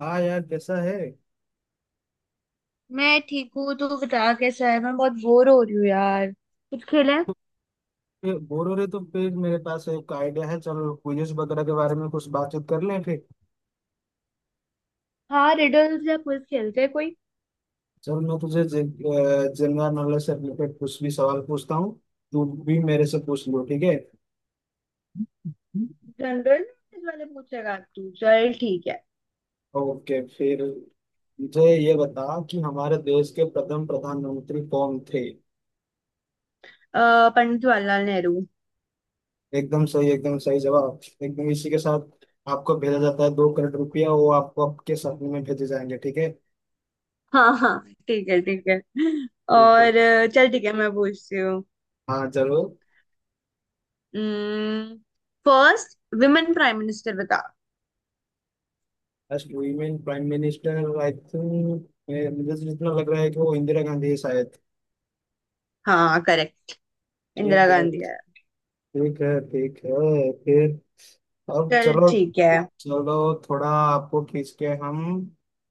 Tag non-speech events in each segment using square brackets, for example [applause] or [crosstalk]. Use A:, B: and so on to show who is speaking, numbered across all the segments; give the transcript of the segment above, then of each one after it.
A: हाँ यार, कैसा है?
B: मैं ठीक हूँ। तू बता, कैसा है? मैं बहुत बोर हो रही हूँ यार, कुछ खेलें?
A: ये बोर हो रहे तो फिर मेरे पास एक आइडिया है। चलो क्विज वगैरह के बारे में कुछ बातचीत कर लें फिर।
B: हाँ, रिडल्स या क्विज खेलते हैं कोई।
A: चल मैं तुझे जनरल नॉलेज से रिलेटेड कुछ भी सवाल पूछता हूँ। तू भी मेरे से पूछ लो, ठीक है?
B: जनरल नॉलेज वाले पूछेगा तू? चल ठीक है।
A: ओके फिर, मुझे ये बता कि हमारे देश के प्रथम प्रधानमंत्री कौन थे।
B: पंडित जवाहरलाल नेहरू।
A: एकदम सही, एकदम सही जवाब। एकदम इसी के साथ आपको भेजा जाता है 2 करोड़ रुपया, वो आपको आपके साथ में भेजे जाएंगे, ठीक है।
B: हाँ हाँ। ठीक है, ठीक है।
A: बिल्कुल।
B: और चल ठीक है, मैं पूछती हूँ।
A: हाँ, जरूर।
B: फर्स्ट विमेन प्राइम मिनिस्टर बता।
A: First women prime minister, I think मुझे तो जितना लग रहा है कि वो इंदिरा गांधी है शायद।
B: हाँ, करेक्ट। इंदिरा
A: ठीक है
B: गांधी है।
A: ठीक है ठीक है। फिर अब
B: चल
A: चलो,
B: ठीक है,
A: चलो थोड़ा आपको खींच के हम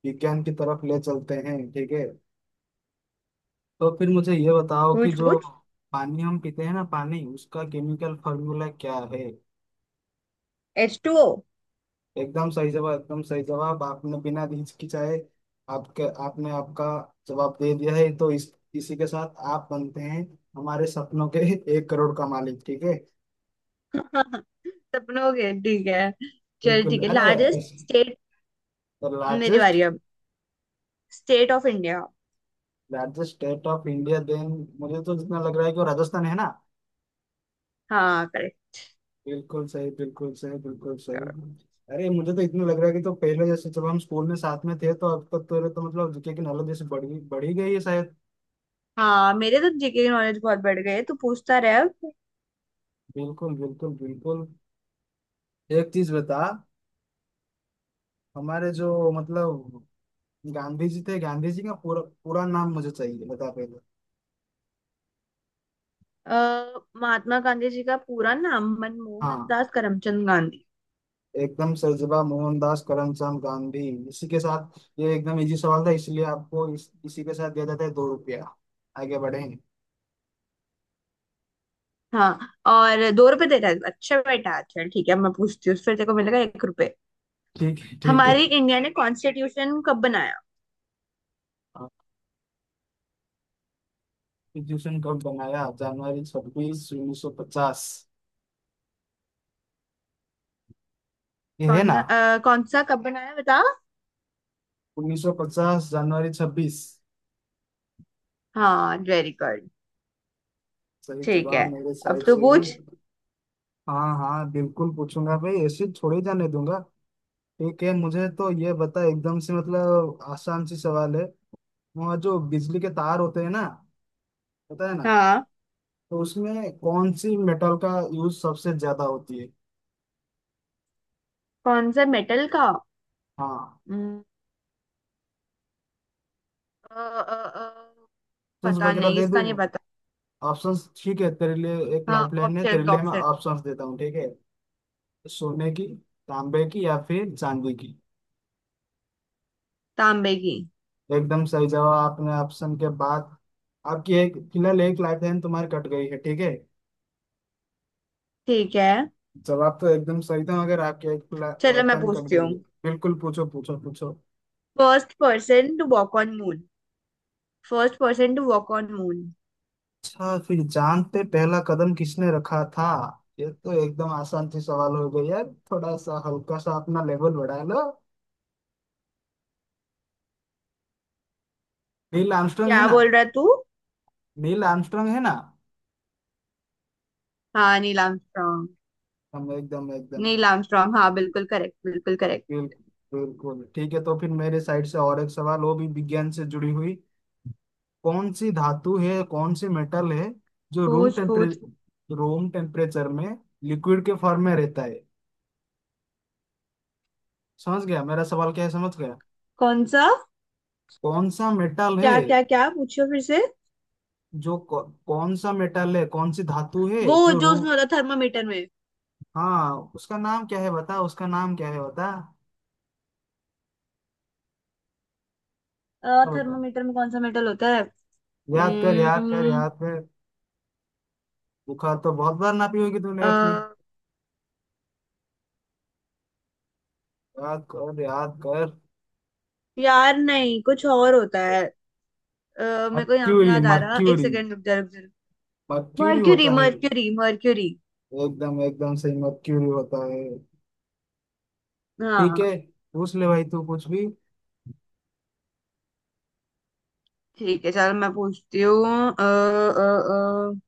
A: विज्ञान की तरफ ले चलते हैं, ठीक है। तो फिर मुझे ये बताओ कि
B: पूछ
A: जो
B: पूछ।
A: पानी हम पीते हैं ना, पानी, उसका केमिकल फॉर्मूला क्या है।
B: H2O।
A: एकदम सही जवाब, एकदम सही जवाब। आपने बिना हिचकिचाए आपके आपने आपका जवाब दे दिया है, तो इस इसी के साथ आप बनते हैं हमारे सपनों के [laughs] 1 करोड़ का मालिक, ठीक है।
B: [laughs] सपनों के, ठीक है। चल
A: बिल्कुल।
B: ठीक है,
A: अरे
B: लार्जेस्ट स्टेट।
A: द
B: मेरी
A: लार्जेस्ट,
B: बारी अब। State of India.
A: Largest state of India then, मुझे तो जितना लग रहा है कि वो राजस्थान है ना।
B: हाँ, करेक्ट।
A: बिल्कुल सही, बिल्कुल सही, बिल्कुल सही। अरे मुझे तो इतना लग रहा है कि तो पहले जैसे जब हम स्कूल में साथ में थे, तो अब तक तो मतलब जीके की नॉलेज जैसे बढ़ गई, बढ़ ही गई है शायद।
B: हाँ, मेरे तो जीके की नॉलेज बहुत बढ़ गई है। तू पूछता रहे अब।
A: बिल्कुल बिल्कुल बिल्कुल। एक चीज बता, हमारे जो मतलब गांधी जी थे, गांधी जी का पूरा पूरा नाम मुझे चाहिए, बता पहले।
B: महात्मा गांधी जी का पूरा नाम मनमोहन
A: हाँ,
B: दास करमचंद गांधी।
A: एकदम सरजबा मोहनदास करमचंद गांधी। इसी के साथ, ये एकदम इजी सवाल था, इसलिए आपको इसी के साथ दिया जाता है 2 रुपया। आगे बढ़ेंगे।
B: हाँ। और 2 रुपए दे रहा है? अच्छा बेटा, चल ठीक है। अब मैं पूछती हूँ, फिर तेरे को मिलेगा 1 रुपए।
A: ठीक है ठीक है।
B: हमारी इंडिया ने कॉन्स्टिट्यूशन कब बनाया?
A: कॉन्स्टिट्यूशन कब बनाया? जनवरी छब्बीस, उन्नीस सौ पचास। ये है
B: कौन
A: ना।
B: सा? कौन सा कब बनाया, बता।
A: उन्नीस सौ पचास, जनवरी छब्बीस।
B: हाँ, वेरी गुड।
A: सही
B: ठीक है,
A: जवाब मेरे
B: अब
A: साइड
B: तो
A: से भी।
B: पूछ।
A: हाँ हाँ, बिल्कुल पूछूंगा भाई, ऐसे थोड़ी जाने दूंगा। ठीक है, मुझे तो ये बता, एकदम से मतलब आसान सी सवाल है। वहाँ जो बिजली के तार होते हैं ना, पता है ना,
B: हाँ।
A: तो उसमें कौन सी मेटल का यूज सबसे ज्यादा होती है।
B: कौन सा मेटल का?
A: हाँ,
B: हम्म, अ, अ, अ,
A: ऑप्शंस
B: पता
A: वगैरह
B: नहीं,
A: दे
B: इसका
A: दूँ?
B: नहीं पता।
A: ऑप्शंस, ठीक है, तेरे लिए एक
B: हाँ,
A: लाइफलाइन है, तेरे
B: ऑप्शन
A: लिए मैं
B: ऑप्शन।
A: ऑप्शंस देता हूँ, ठीक है। सोने की, तांबे की, या फिर चांदी की।
B: तांबे की।
A: एकदम सही जवाब, आपने ऑप्शन के बाद आपकी एक, फिलहाल एक लाइफलाइन तुम्हारी कट गई है, ठीक है।
B: ठीक है,
A: जवाब तो एकदम सही था, मगर आपकी एक
B: चलो
A: लाइफ
B: मैं
A: लाइन कट
B: पूछती
A: गई
B: हूँ।
A: है। बिल्कुल, पूछो पूछो पूछो।
B: First person to walk on moon. First person to walk on moon.
A: अच्छा, फिर जान पे पहला कदम किसने रखा था? ये तो एकदम आसान सी सवाल हो गई है, थोड़ा सा हल्का सा अपना लेवल बढ़ा लो। नील आर्मस्ट्रांग है
B: क्या
A: ना?
B: बोल रहा है तू?
A: नील आर्मस्ट्रांग है ना।
B: हाँ, नील आर्मस्ट्रॉन्ग।
A: हम एकदम एकदम
B: नील आर्मस्ट्रॉन्ग, हाँ बिल्कुल करेक्ट, बिल्कुल करेक्ट।
A: बिल्कुल बिल्कुल, ठीक है। तो फिर मेरे साइड से और एक सवाल, वो भी विज्ञान से जुड़ी हुई। कौन सी धातु है, कौन सी मेटल है जो
B: पूछ पूछ।
A: रूम टेम्परेचर में लिक्विड के फॉर्म में रहता है? समझ गया मेरा सवाल क्या है, समझ गया?
B: कौन सा?
A: कौन सा मेटल है?
B: क्या क्या क्या, पूछो फिर से।
A: जो कौ, कौन सा मेटल है, कौन सी धातु है
B: वो
A: जो
B: जो
A: रू,
B: उसमें होता है, थर्मामीटर में।
A: हाँ, उसका नाम क्या है बता, उसका नाम क्या है बता। हाँ, बता।
B: थर्मामीटर में कौन सा मेटल होता है?
A: याद कर, याद कर,
B: हम्म,
A: याद कर। बुखार तो बहुत बार नापी होगी तूने
B: अ,
A: अपनी। याद कर, याद कर।
B: यार नहीं, कुछ और होता है। मेरे को नाम नहीं
A: मर्क्यूरी,
B: याद आ रहा, एक
A: मर्क्यूरी,
B: सेकेंड, रुक जा रुक जा।
A: मर्क्यूरी
B: मर्क्यूरी
A: होता है।
B: Mercury mercury.
A: एकदम एकदम सही, मर्क्यूरी होता है। ठीक
B: हाँ।
A: है, पूछ ले भाई तू कुछ भी।
B: ठीक है, चलो मैं पूछती हूँ। अ, अ, अ,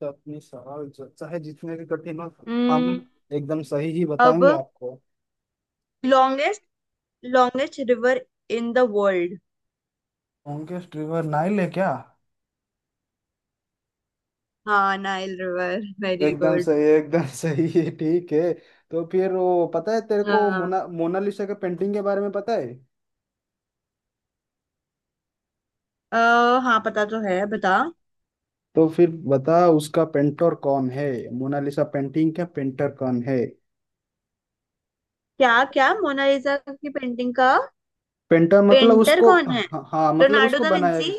A: तो अपनी सवाल जो चाहे जितने भी कठिन हो,
B: हम्म,
A: हम एकदम सही ही
B: अब
A: बताएंगे आपको।
B: Longest longest river in the world.
A: ओंकेश ट्रिवर नाइल है क्या?
B: हाँ, नाइल रिवर। वेरी
A: एकदम
B: गुड।
A: सही, एकदम सही है, ठीक है। तो फिर वो पता है तेरे को,
B: हाँ
A: मोनालिसा के पेंटिंग के बारे में पता है?
B: अ, हाँ, पता तो है, बता।
A: तो फिर बता उसका पेंटर कौन है। मोनालिसा पेंटिंग का पेंटर कौन है?
B: क्या क्या, मोनालिसा की पेंटिंग का
A: पेंटर मतलब
B: पेंटर
A: उसको,
B: कौन है?
A: हाँ हाँ, मतलब
B: लियोनार्डो
A: उसको
B: दा
A: बनाया
B: विंची।
A: किस।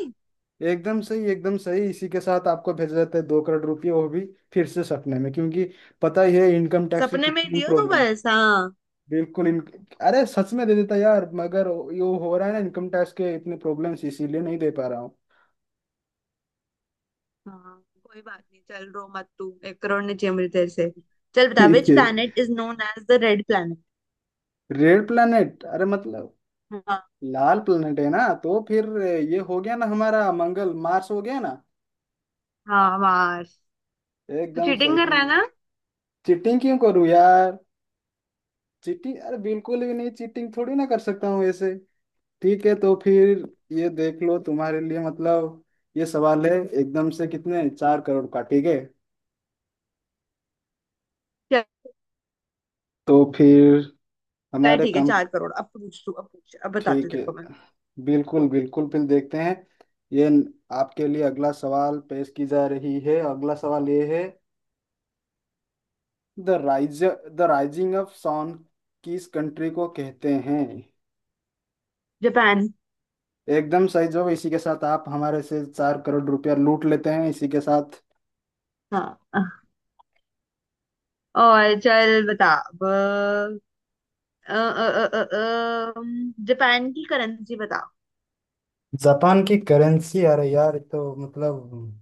A: एकदम सही, एकदम सही, इसी के साथ आपको भेजा जाता है दो करोड़ रुपये, वो भी फिर से सपने में, क्योंकि पता ही है इनकम टैक्स की
B: सपने में ही
A: कितनी
B: दियो तू
A: प्रॉब्लम।
B: बस। हाँ।
A: बिल्कुल इन, अरे सच में दे देता यार, मगर ये हो रहा है ना इनकम टैक्स के इतने प्रॉब्लम्स, इसीलिए नहीं दे पा रहा हूँ।
B: हाँ कोई बात नहीं, चल रो मत तू। 1 करोड़ ने चाहिए मुझे तेरे से। चल बता,
A: ठीक
B: विच
A: है,
B: planet is known as the red planet?
A: Red planet, अरे मतलब
B: हाँ
A: लाल प्लैनेट है ना, तो फिर ये हो गया ना हमारा मंगल, मार्स हो गया ना।
B: हाँ हाँ। तो
A: एकदम
B: चीटिंग कर रहा
A: सही।
B: है ना?
A: चीटिंग क्यों करूं यार? चीटिंग, अरे बिल्कुल भी नहीं, चीटिंग थोड़ी ना कर सकता हूँ ऐसे। ठीक है, तो फिर ये देख लो तुम्हारे लिए, मतलब ये सवाल है एकदम से कितने, 4 करोड़ का, ठीक है।
B: चल
A: तो फिर
B: चल,
A: हमारे
B: ठीक है,
A: कंपनी,
B: 4 करोड़। अब पूछ तू, अब पूछ, अब बताती हूँ
A: ठीक
B: तेरे
A: है,
B: को मैं।
A: बिल्कुल बिल्कुल फिर देखते हैं। ये न- आपके लिए अगला सवाल पेश की जा रही है, अगला सवाल ये है, the rise the rising of sun किस कंट्री को कहते हैं?
B: जापान।
A: एकदम सही जवाब, इसी के साथ आप हमारे से 4 करोड़ रुपया लूट लेते हैं, इसी के साथ।
B: हाँ। और चल बता अब जापान की करेंसी बता।
A: जापान की करेंसी, अरे यार, ये तो मतलब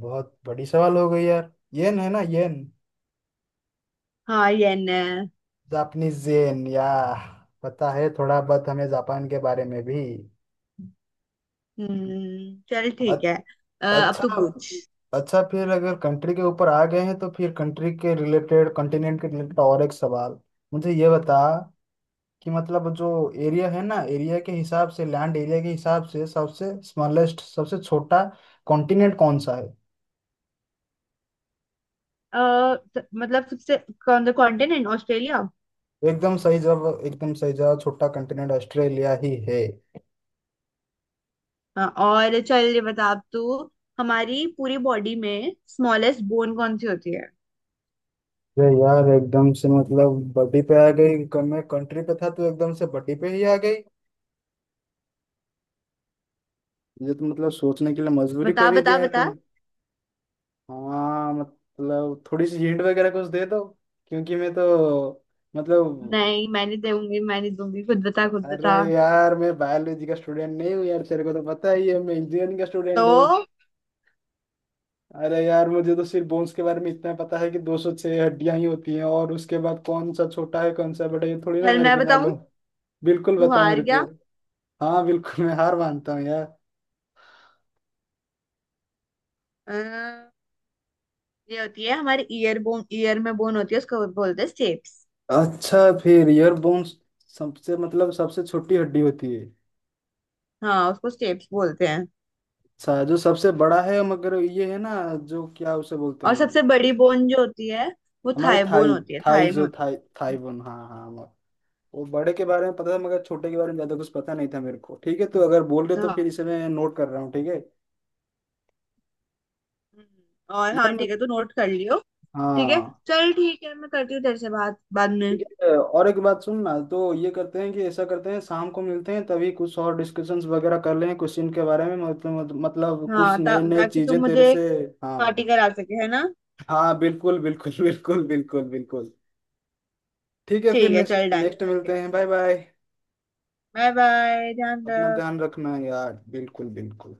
A: बहुत बड़ी सवाल हो गई यार, येन है ना, येन,
B: हाँ, येन है।
A: जापानीज येन, या पता है थोड़ा बहुत हमें जापान के बारे में भी।
B: हम्म, चल ठीक है। अब
A: अच्छा,
B: तू पूछ।
A: अच्छा फिर अगर कंट्री के ऊपर आ गए हैं, तो फिर कंट्री के रिलेटेड, कॉन्टिनेंट के रिलेटेड और एक सवाल, मुझे ये बता कि मतलब जो एरिया है ना, एरिया के हिसाब से, लैंड एरिया के हिसाब से सबसे स्मॉलेस्ट, सबसे छोटा कॉन्टिनेंट कौन सा है?
B: अ, मतलब सबसे कौन सा कॉन्टिनेंट? ऑस्ट्रेलिया।
A: एकदम सही जवाब, एकदम सही जवाब, छोटा कॉन्टिनेंट ऑस्ट्रेलिया ही है।
B: हाँ। और चल ये बता अब तू, हमारी पूरी बॉडी में स्मॉलेस्ट बोन कौन सी होती है?
A: अरे यार एकदम से मतलब बड़ी पे आ गई, मैं कंट्री पे था तो एकदम से बड़ी पे ही आ गई। ये तो मतलब सोचने के लिए मजबूरी
B: बता
A: कर ही
B: बता
A: दिया है, तो
B: बता।
A: हाँ, मतलब थोड़ी सी हिंट वगैरह कुछ दे दो, क्योंकि मैं तो मतलब,
B: नहीं, मैं नहीं दूंगी, मैं नहीं दूंगी, खुद बता, खुद
A: अरे
B: बता।
A: यार मैं बायोलॉजी का स्टूडेंट नहीं हूँ यार, तेरे को तो पता ही है, मैं इंजीनियरिंग का स्टूडेंट हूँ।
B: तो
A: अरे यार, मुझे तो सिर्फ बोन्स के बारे में इतना पता है कि 206 हड्डियां ही होती हैं, और उसके बाद कौन सा छोटा है, कौन सा बड़ा है, ये थोड़ी ना
B: चल,
A: मेरे
B: मैं
A: को
B: बताऊं।
A: मालूम। बिल्कुल,
B: तू
A: बता
B: हार
A: मेरे को।
B: गया।
A: हाँ, बिल्कुल मैं हार मानता हूँ यार।
B: अ, ये होती है हमारे ईयर बोन। ईयर में बोन होती है, उसको बोलते हैं स्टेप्स।
A: अच्छा, फिर ईयर बोन्स सबसे मतलब सबसे छोटी हड्डी होती है।
B: हाँ, उसको स्टेप्स बोलते हैं।
A: अच्छा, जो सबसे बड़ा है मगर ये है ना, जो, क्या उसे बोलते
B: और
A: हैं?
B: सबसे बड़ी बोन जो होती है, वो
A: हमारे
B: थाई बोन
A: थाई,
B: होती है।
A: थाई
B: थाई में
A: जो,
B: होती
A: थाई थाई बोन, हाँ हाँ, वो बड़े के बारे में पता था, मगर छोटे के बारे में ज्यादा कुछ पता नहीं था मेरे को। ठीक है, तो अगर बोल रहे,
B: है।
A: तो
B: हाँ
A: फिर इसे मैं नोट कर रहा हूँ, ठीक है।
B: हम्म, और
A: यार
B: हाँ
A: मैं,
B: ठीक है, तू नोट कर लियो। ठीक है।
A: हाँ,
B: चल ठीक है, मैं करती हूँ तेरे से बात बाद में।
A: ठीक है। और एक बात सुन ना, तो ये करते हैं कि ऐसा करते हैं शाम को मिलते हैं तभी, कुछ और डिस्कशंस वगैरह कर लें क्वेश्चन के बारे में, मतलब कुछ
B: हाँ
A: नए नए
B: ताकि तू
A: चीजें तेरे
B: मुझे
A: से।
B: पार्टी
A: हाँ
B: करा सके, है ना?
A: हाँ, बिल्कुल बिल्कुल [laughs] बिल्कुल बिल्कुल बिल्कुल। ठीक है, फिर
B: ठीक है,
A: नेक्स्ट,
B: चल डन,
A: नेक्स्ट
B: ओके
A: मिलते हैं,
B: okay.
A: Bye bye.
B: Bye bye, ध्यान
A: अपना
B: रख।
A: ध्यान रखना यार, बिल्कुल बिल्कुल।